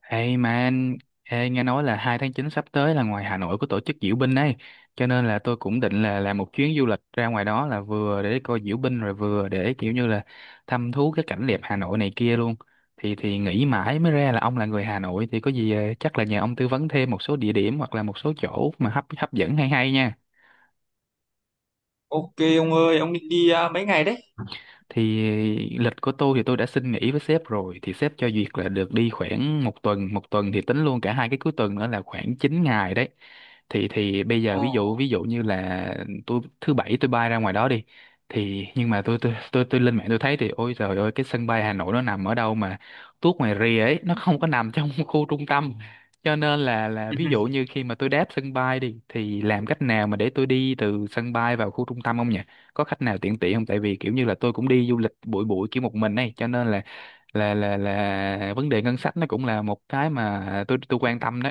Hey man, ê, nghe nói là 2 tháng 9 sắp tới là ngoài Hà Nội có tổ chức diễu binh ấy, cho nên là tôi cũng định là làm một chuyến du lịch ra ngoài đó là vừa để coi diễu binh rồi vừa để kiểu như là thăm thú cái cảnh đẹp Hà Nội này kia luôn. Thì nghĩ mãi mới ra là ông là người Hà Nội thì có gì chắc là nhờ ông tư vấn thêm một số địa điểm hoặc là một số chỗ mà hấp hấp dẫn hay hay nha. Ok ông ơi, ông định đi à, mấy ngày đấy? Thì lịch của tôi thì tôi đã xin nghỉ với sếp rồi thì sếp cho duyệt là được đi khoảng một tuần thì tính luôn cả hai cái cuối tuần nữa là khoảng 9 ngày đấy. Thì bây giờ Ờ. ví dụ như là tôi thứ bảy tôi bay ra ngoài đó đi. Thì nhưng mà tôi lên mạng tôi thấy thì ôi trời ơi, cái sân bay Hà Nội nó nằm ở đâu mà tuốt ngoài rìa ấy, nó không có nằm trong khu trung tâm, cho nên là ví dụ như khi mà tôi đáp sân bay đi thì làm cách nào mà để tôi đi từ sân bay vào khu trung tâm không nhỉ? Có khách nào tiện tiện không? Tại vì kiểu như là tôi cũng đi du lịch bụi bụi kiểu một mình này, cho nên là vấn đề ngân sách nó cũng là một cái mà tôi quan tâm đó.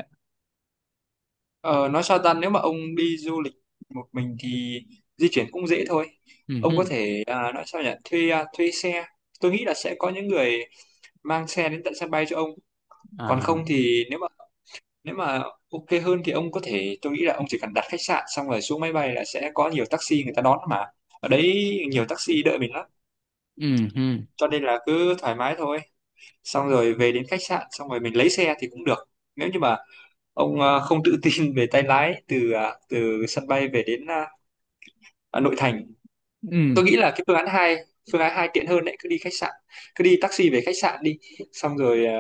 Ờ, nói sao ta, nếu mà ông đi du lịch một mình thì di chuyển cũng dễ thôi. Ừ Ông hứ. có thể à, nói sao nhỉ, thuê à, thuê xe. Tôi nghĩ là sẽ có những người mang xe đến tận sân bay cho ông. Còn À. không thì nếu mà ok hơn thì ông có thể, tôi nghĩ là ông chỉ cần đặt khách sạn xong rồi xuống máy bay là sẽ có nhiều taxi người ta đón mà. Ở đấy nhiều taxi đợi mình lắm, Ừ hứ. cho nên là cứ thoải mái thôi. Xong rồi về đến khách sạn xong rồi mình lấy xe thì cũng được. Nếu như mà ông không tự tin về tay lái từ sân bay về đến nội thành, Ừ. tôi nghĩ là cái phương án hai tiện hơn đấy. Cứ đi taxi về khách sạn đi, xong rồi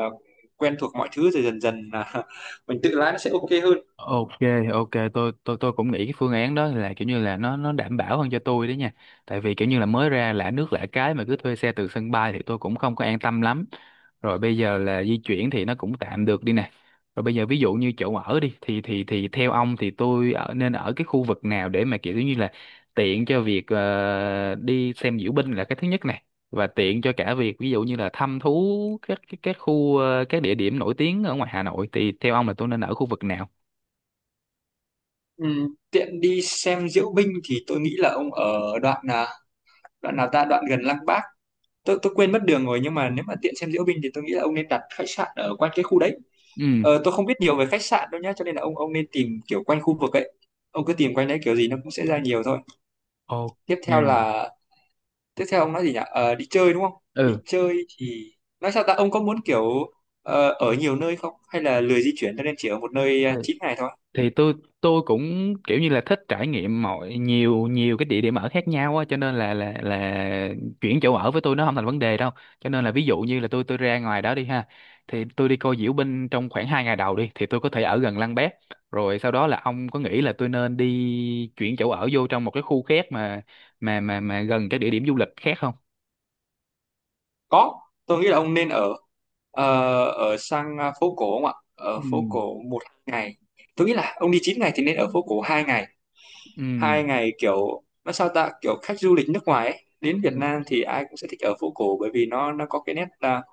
quen thuộc mọi thứ rồi dần dần là mình tự lái nó sẽ ok hơn. Ok, ok, tôi cũng nghĩ cái phương án đó là kiểu như là nó đảm bảo hơn cho tôi đấy nha. Tại vì kiểu như là mới ra lạ nước lạ cái mà cứ thuê xe từ sân bay thì tôi cũng không có an tâm lắm. Rồi bây giờ là di chuyển thì nó cũng tạm được đi nè. Rồi bây giờ ví dụ như chỗ ở đi thì theo ông thì tôi ở nên ở cái khu vực nào để mà kiểu như là tiện cho việc đi xem diễu binh là cái thứ nhất này, và tiện cho cả việc ví dụ như là thăm thú các khu các địa điểm nổi tiếng ở ngoài Hà Nội. Thì theo ông là tôi nên ở khu vực nào? Tiện đi xem diễu binh thì tôi nghĩ là ông ở đoạn nào ta, đoạn gần Lăng Bác. Tôi quên mất đường rồi, nhưng mà nếu mà tiện xem diễu binh thì tôi nghĩ là ông nên đặt khách sạn ở quanh cái khu đấy. Ừ. Ờ, tôi không biết nhiều về khách sạn đâu nhá, cho nên là ông nên tìm kiểu quanh khu vực ấy. Ông cứ tìm quanh đấy, kiểu gì nó cũng sẽ ra nhiều thôi. Ok. Tiếp theo là tiếp theo ông nói gì nhỉ? Ờ, đi chơi đúng không? Đi Ừ, chơi thì nói sao ta, ông có muốn kiểu ở nhiều nơi không, hay là lười di chuyển cho nên chỉ ở một nơi 9 ngày thôi? thì tôi cũng kiểu như là thích trải nghiệm mọi nhiều nhiều cái địa điểm ở khác nhau á, cho nên là chuyển chỗ ở với tôi nó không thành vấn đề đâu. Cho nên là ví dụ như là tôi ra ngoài đó đi ha, thì tôi đi coi diễu binh trong khoảng 2 ngày đầu đi thì tôi có thể ở gần Lăng Bác. Rồi sau đó là ông có nghĩ là tôi nên đi chuyển chỗ ở vô trong một cái khu khác mà gần các địa điểm du lịch khác không? Có, tôi nghĩ là ông nên ở sang phố cổ không ạ? Ở Ừ. phố cổ một ngày. Tôi nghĩ là ông đi 9 ngày thì nên ở phố cổ 2 ngày. Ừ. 2 ngày kiểu nó sao ta, kiểu khách du lịch nước ngoài ấy, đến Ừ. Việt Nam thì ai cũng sẽ thích ở phố cổ, bởi vì nó có cái nét,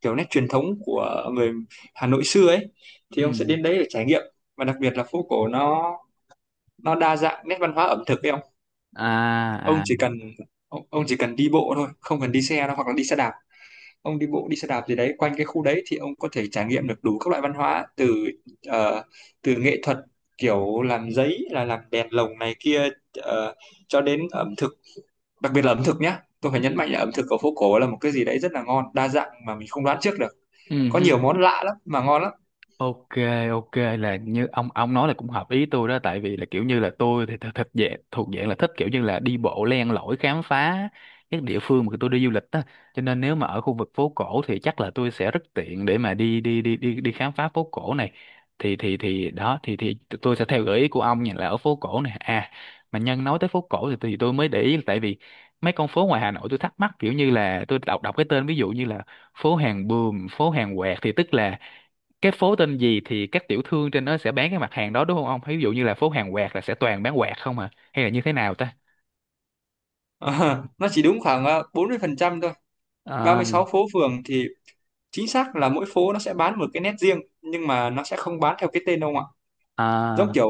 kiểu nét truyền thống của người Hà Nội xưa ấy. Thì Ừ. ông sẽ đến đấy để trải nghiệm, và đặc biệt là phố cổ nó đa dạng nét văn hóa ẩm thực ấy ông. ông À. À. chỉ cần ông, ông chỉ cần đi bộ thôi, không cần đi xe đâu, hoặc là đi xe đạp. Ông đi bộ đi xe đạp gì đấy quanh cái khu đấy, thì ông có thể trải nghiệm được đủ các loại văn hóa ờ, từ nghệ thuật, kiểu làm giấy là làm đèn lồng này kia, ờ, cho đến ẩm thực. Đặc biệt là ẩm thực nhé, tôi phải nhấn mạnh là ẩm thực ở phố cổ là một cái gì đấy rất là ngon, đa dạng mà mình không đoán trước được. Ừ. Có Ừ. nhiều món lạ lắm mà ngon lắm. Ok, ok là như ông nói là cũng hợp ý tôi đó. Tại vì là kiểu như là tôi thì thật thật thuộc dạng là thích kiểu như là đi bộ len lỏi khám phá các địa phương mà tôi đi du lịch á. Cho nên nếu mà ở khu vực phố cổ thì chắc là tôi sẽ rất tiện để mà đi đi đi đi đi khám phá phố cổ này. Thì đó thì tôi sẽ theo gợi ý của ông nha là ở phố cổ này. À, mà nhân nói tới phố cổ thì tôi mới để ý là tại vì mấy con phố ngoài Hà Nội tôi thắc mắc kiểu như là tôi đọc đọc cái tên ví dụ như là phố hàng Buồm, phố hàng Quẹt thì tức là cái phố tên gì thì các tiểu thương trên đó sẽ bán cái mặt hàng đó đúng không ông? Ví dụ như là phố hàng quạt là sẽ toàn bán quạt không à? Hay là như thế nào ta? Nó chỉ đúng khoảng 40% thôi. Ba À. mươi sáu phố phường thì chính xác là mỗi phố nó sẽ bán một cái nét riêng, nhưng mà nó sẽ không bán theo cái tên đâu ạ. Giống À. kiểu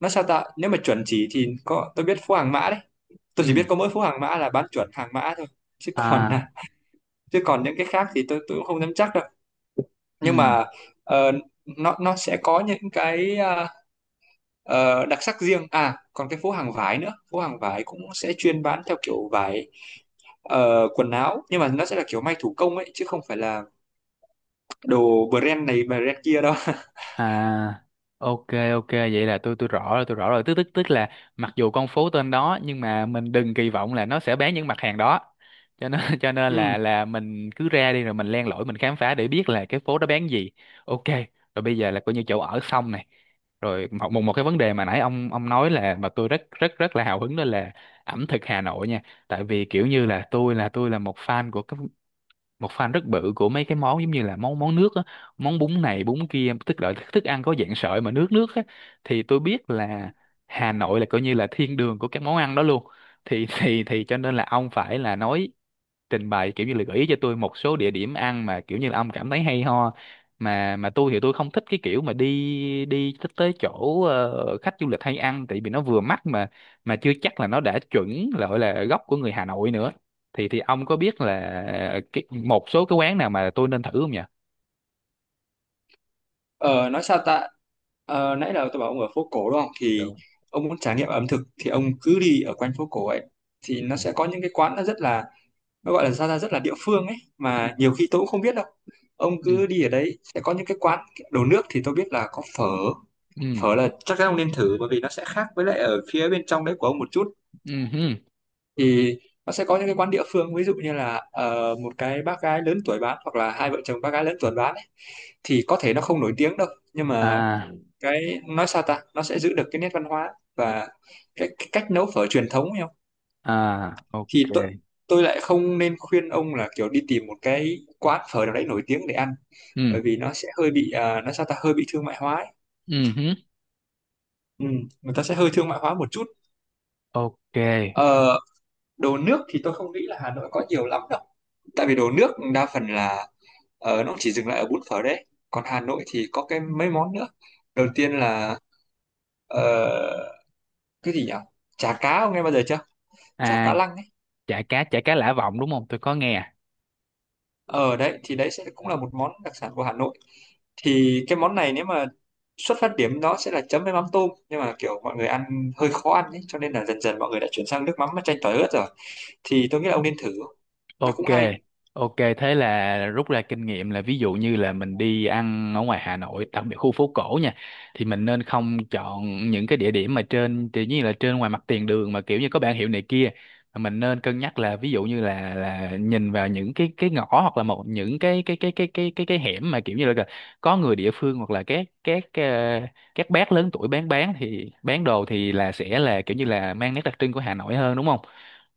nó sao ta, nếu mà chuẩn chỉ thì có, tôi biết phố Hàng Mã đấy. Tôi chỉ biết Ừ. có mỗi phố Hàng Mã là bán chuẩn Hàng Mã thôi. chứ còn À. à, chứ còn những cái khác thì tôi cũng không nắm chắc đâu, nhưng Ừ. mà ờ, nó sẽ có những cái đặc sắc riêng. À, còn cái phố hàng vải nữa, phố hàng vải cũng sẽ chuyên bán theo kiểu vải, quần áo, nhưng mà nó sẽ là kiểu may thủ công ấy, chứ không phải là đồ brand này brand kia đâu. À. Ok, ok vậy là tôi rõ rồi, tôi rõ rồi, tức tức tức là mặc dù con phố tên đó nhưng mà mình đừng kỳ vọng là nó sẽ bán những mặt hàng đó, cho nên cho nên Ừ. là mình cứ ra đi rồi mình len lỏi mình khám phá để biết là cái phố đó bán gì. Ok. Rồi bây giờ là coi như chỗ ở xong này. Rồi một một một cái vấn đề mà nãy ông nói là mà tôi rất rất rất là hào hứng đó là ẩm thực Hà Nội nha. Tại vì kiểu như là tôi là một fan rất bự của mấy cái món giống như là món món nước á, món bún này bún kia, tức là thức ăn có dạng sợi mà nước nước á. Thì tôi biết là Hà Nội là coi như là thiên đường của các món ăn đó luôn. Thì thì cho nên là ông phải là trình bày kiểu như là gợi ý cho tôi một số địa điểm ăn mà kiểu như là ông cảm thấy hay ho. Mà tôi thì tôi không thích cái kiểu mà đi đi tới tới chỗ khách du lịch hay ăn, tại vì nó vừa mắc mà chưa chắc là nó đã chuẩn là gọi là gốc của người Hà Nội nữa. Thì ông có biết là cái, một số cái quán nào mà tôi nên thử không nhỉ? ờ, nói sao ta. Ờ, nãy là tôi bảo ông ở phố cổ đúng không, thì Đúng. ông muốn trải nghiệm ẩm thực thì ông cứ đi ở quanh phố cổ ấy. Thì nó Ừ. sẽ có những cái quán, nó rất là, nó gọi là sao ra, rất là địa phương ấy, mà nhiều khi tôi cũng không biết đâu. Ông Ừ. cứ đi ở đấy sẽ có những cái quán. Đồ nước thì tôi biết là có phở. Ừ. Phở là chắc chắn ông nên thử, bởi vì nó sẽ khác với lại ở phía bên trong đấy của ông một chút. Ừ hứ. Thì nó sẽ có những cái quán địa phương, ví dụ như là một cái bác gái lớn tuổi bán, hoặc là hai vợ chồng bác gái lớn tuổi bán ấy. Thì có thể nó không nổi tiếng đâu, nhưng mà À. cái nói sao ta, nó sẽ giữ được cái nét văn hóa và cái cách nấu phở truyền thống ấy không. À. Thì tôi Ok. tôi lại không nên khuyên ông là kiểu đi tìm một cái quán phở nào đấy nổi tiếng để ăn, Ừ. bởi vì nó sẽ hơi bị, nó sao ta, hơi bị thương mại hóa ấy. Ừ hứ. Ừ, người ta sẽ hơi thương mại hóa một chút. Ok. Ờ, đồ nước thì tôi không nghĩ là Hà Nội có nhiều lắm đâu, tại vì đồ nước đa phần là nó chỉ dừng lại ở bún phở đấy. Còn Hà Nội thì có cái mấy món nữa. Đầu tiên là ờ, cái gì nhỉ, chả cá ông nghe bao giờ chưa? Chả À, cá lăng ấy. chả cá Lã Vọng, đúng không? Tôi có nghe. Ở đấy thì đấy sẽ cũng là một món đặc sản của Hà Nội. Thì cái món này, nếu mà xuất phát điểm nó sẽ là chấm với mắm tôm, nhưng mà kiểu mọi người ăn hơi khó ăn ấy, cho nên là dần dần mọi người đã chuyển sang nước mắm chanh tỏi ớt rồi. Thì tôi nghĩ là ông nên thử, nó Ok, cũng hay. ok thế là rút ra kinh nghiệm là ví dụ như là mình đi ăn ở ngoài Hà Nội, đặc biệt khu phố cổ nha, thì mình nên không chọn những cái địa điểm mà trên tự nhiên là trên ngoài mặt tiền đường mà kiểu như có bảng hiệu này kia. Mà mình nên cân nhắc là ví dụ như là nhìn vào những cái ngõ hoặc là một những cái hẻm mà kiểu như là có người địa phương hoặc là các bác lớn tuổi bán thì bán đồ thì là sẽ là kiểu như là mang nét đặc trưng của Hà Nội hơn đúng không?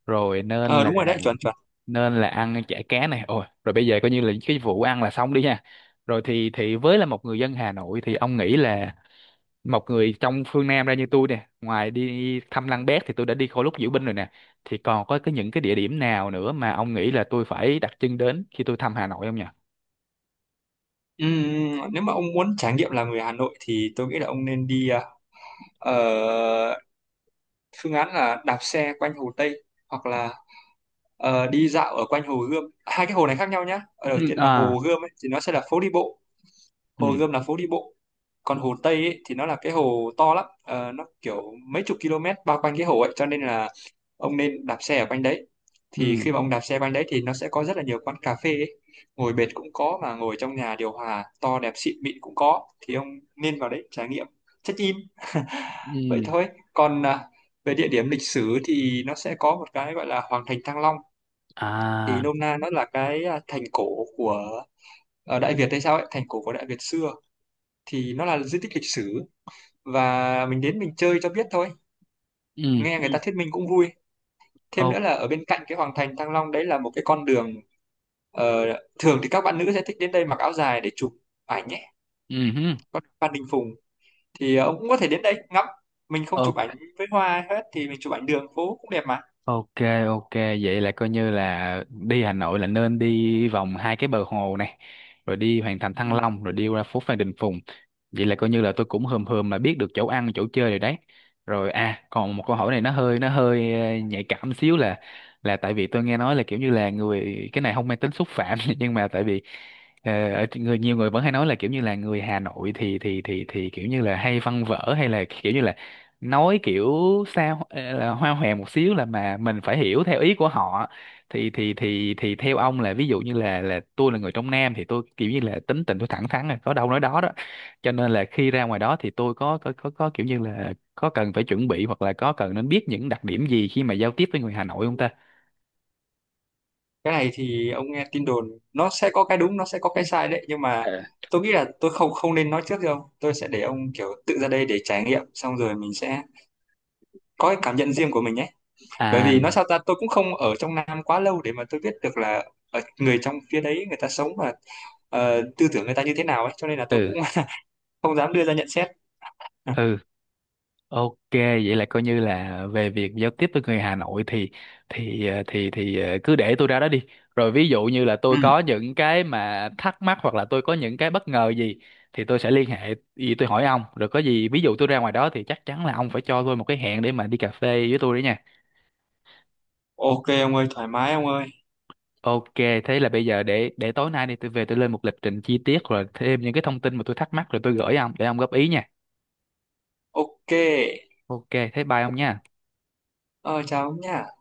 Rồi nên Ờ, đúng rồi đấy, chuẩn chuẩn. nên là ăn chả cá này, ôi rồi bây giờ coi như là cái vụ ăn là xong đi ha. Rồi thì với là một người dân Hà Nội thì ông nghĩ là một người trong phương Nam ra như tôi nè, ngoài đi thăm Lăng Bác thì tôi đã đi Khổ Lúc Diễu Binh rồi nè, thì còn có cái những cái địa điểm nào nữa mà ông nghĩ là tôi phải đặt chân đến khi tôi thăm Hà Nội không nhỉ? Nếu mà ông muốn trải nghiệm là người Hà Nội thì tôi nghĩ là ông nên đi, ờ, phương án là đạp xe quanh Hồ Tây, hoặc là đi dạo ở quanh Hồ Gươm. Hai cái hồ này khác nhau nhá. Ở đầu Ừ. tiên là À. Hồ Gươm ấy, thì nó sẽ là phố đi bộ. Ừ. Hồ Gươm là phố đi bộ. Còn hồ Tây ấy, thì nó là cái hồ to lắm. Ờ, nó kiểu mấy chục km bao quanh cái hồ ấy, cho nên là ông nên đạp xe ở quanh đấy. Thì Ừ. khi mà ông đạp xe quanh đấy thì nó sẽ có rất là nhiều quán cà phê ấy. Ngồi bệt cũng có, mà ngồi trong nhà điều hòa to đẹp xịn mịn cũng có, thì ông nên vào đấy trải nghiệm, check in. Vậy Ừ. thôi. Còn về địa điểm lịch sử thì nó sẽ có một cái gọi là Hoàng thành Thăng Long. Thì À. nôm na nó là cái, thành cổ của, ở Đại Việt hay sao ấy, thành cổ của Đại Việt xưa. Thì nó là di tích lịch sử, và mình đến mình chơi cho biết thôi. Ừ. Nghe Ừ. người ta thuyết minh cũng vui. Thêm nữa Ô. là ở bên cạnh cái Hoàng thành Thăng Long đấy là một cái con đường, ờ, thường thì các bạn nữ sẽ thích đến đây mặc áo dài để chụp ảnh nhé. Ừ hứ. Con đường Phan Đình Phùng, thì ông cũng có thể đến đây ngắm. Mình không chụp ảnh với hoa hết thì mình chụp ảnh đường phố cũng đẹp mà. Ok, ok, vậy là coi như là đi Hà Nội là nên đi vòng hai cái bờ hồ này, rồi đi Hoàng Thành Ừ. Thăng Long, rồi đi qua phố Phan Đình Phùng. Vậy là coi như là tôi cũng hờm hờm là biết được chỗ ăn, chỗ chơi rồi đấy. Rồi à, còn một câu hỏi này nó hơi nhạy cảm xíu, là tại vì tôi nghe nói là kiểu như là người, cái này không mang tính xúc phạm nhưng mà tại vì ờ, ở người nhiều người vẫn hay nói là kiểu như là người Hà Nội thì kiểu như là hay văn vở hay là kiểu như là nói kiểu sao là hoa hòe một xíu là mà mình phải hiểu theo ý của họ. Thì theo ông là ví dụ như là tôi là người trong Nam thì tôi kiểu như là tính tình tôi thẳng thắn là có đâu nói đó đó, cho nên là khi ra ngoài đó thì tôi có kiểu như là có cần phải chuẩn bị hoặc là có cần nên biết những đặc điểm gì khi mà giao tiếp với người Hà Nội không ta? Cái này thì ông nghe tin đồn, nó sẽ có cái đúng, nó sẽ có cái sai đấy, nhưng mà Ờ. tôi nghĩ là tôi không không nên nói trước đâu. Tôi sẽ để ông kiểu tự ra đây để trải nghiệm, xong rồi mình sẽ có cái cảm nhận riêng của mình nhé. Bởi À. vì nói sao ta, tôi cũng không ở trong Nam quá lâu để mà tôi biết được là ở người trong phía đấy, người ta sống và tư tưởng người ta như thế nào ấy, cho nên là tôi Ừ. cũng không dám đưa ra nhận xét. Ừ. Ok, vậy là coi như là về việc giao tiếp với người Hà Nội thì cứ để tôi ra đó đi. Rồi ví dụ như là Ừ. tôi có những cái mà thắc mắc hoặc là tôi có những cái bất ngờ gì thì tôi sẽ liên hệ gì tôi hỏi ông. Rồi có gì ví dụ tôi ra ngoài đó thì chắc chắn là ông phải cho tôi một cái hẹn để mà đi cà phê với tôi đấy nha. Ok ông ơi, thoải mái ông ơi. Ok, thế là bây giờ để tối nay đi tôi về tôi lên một lịch trình chi tiết rồi thêm những cái thông tin mà tôi thắc mắc rồi tôi gửi ông để ông góp ý nha. Ok. Ok, thế bye ông nha. Ờ, chào ông nha.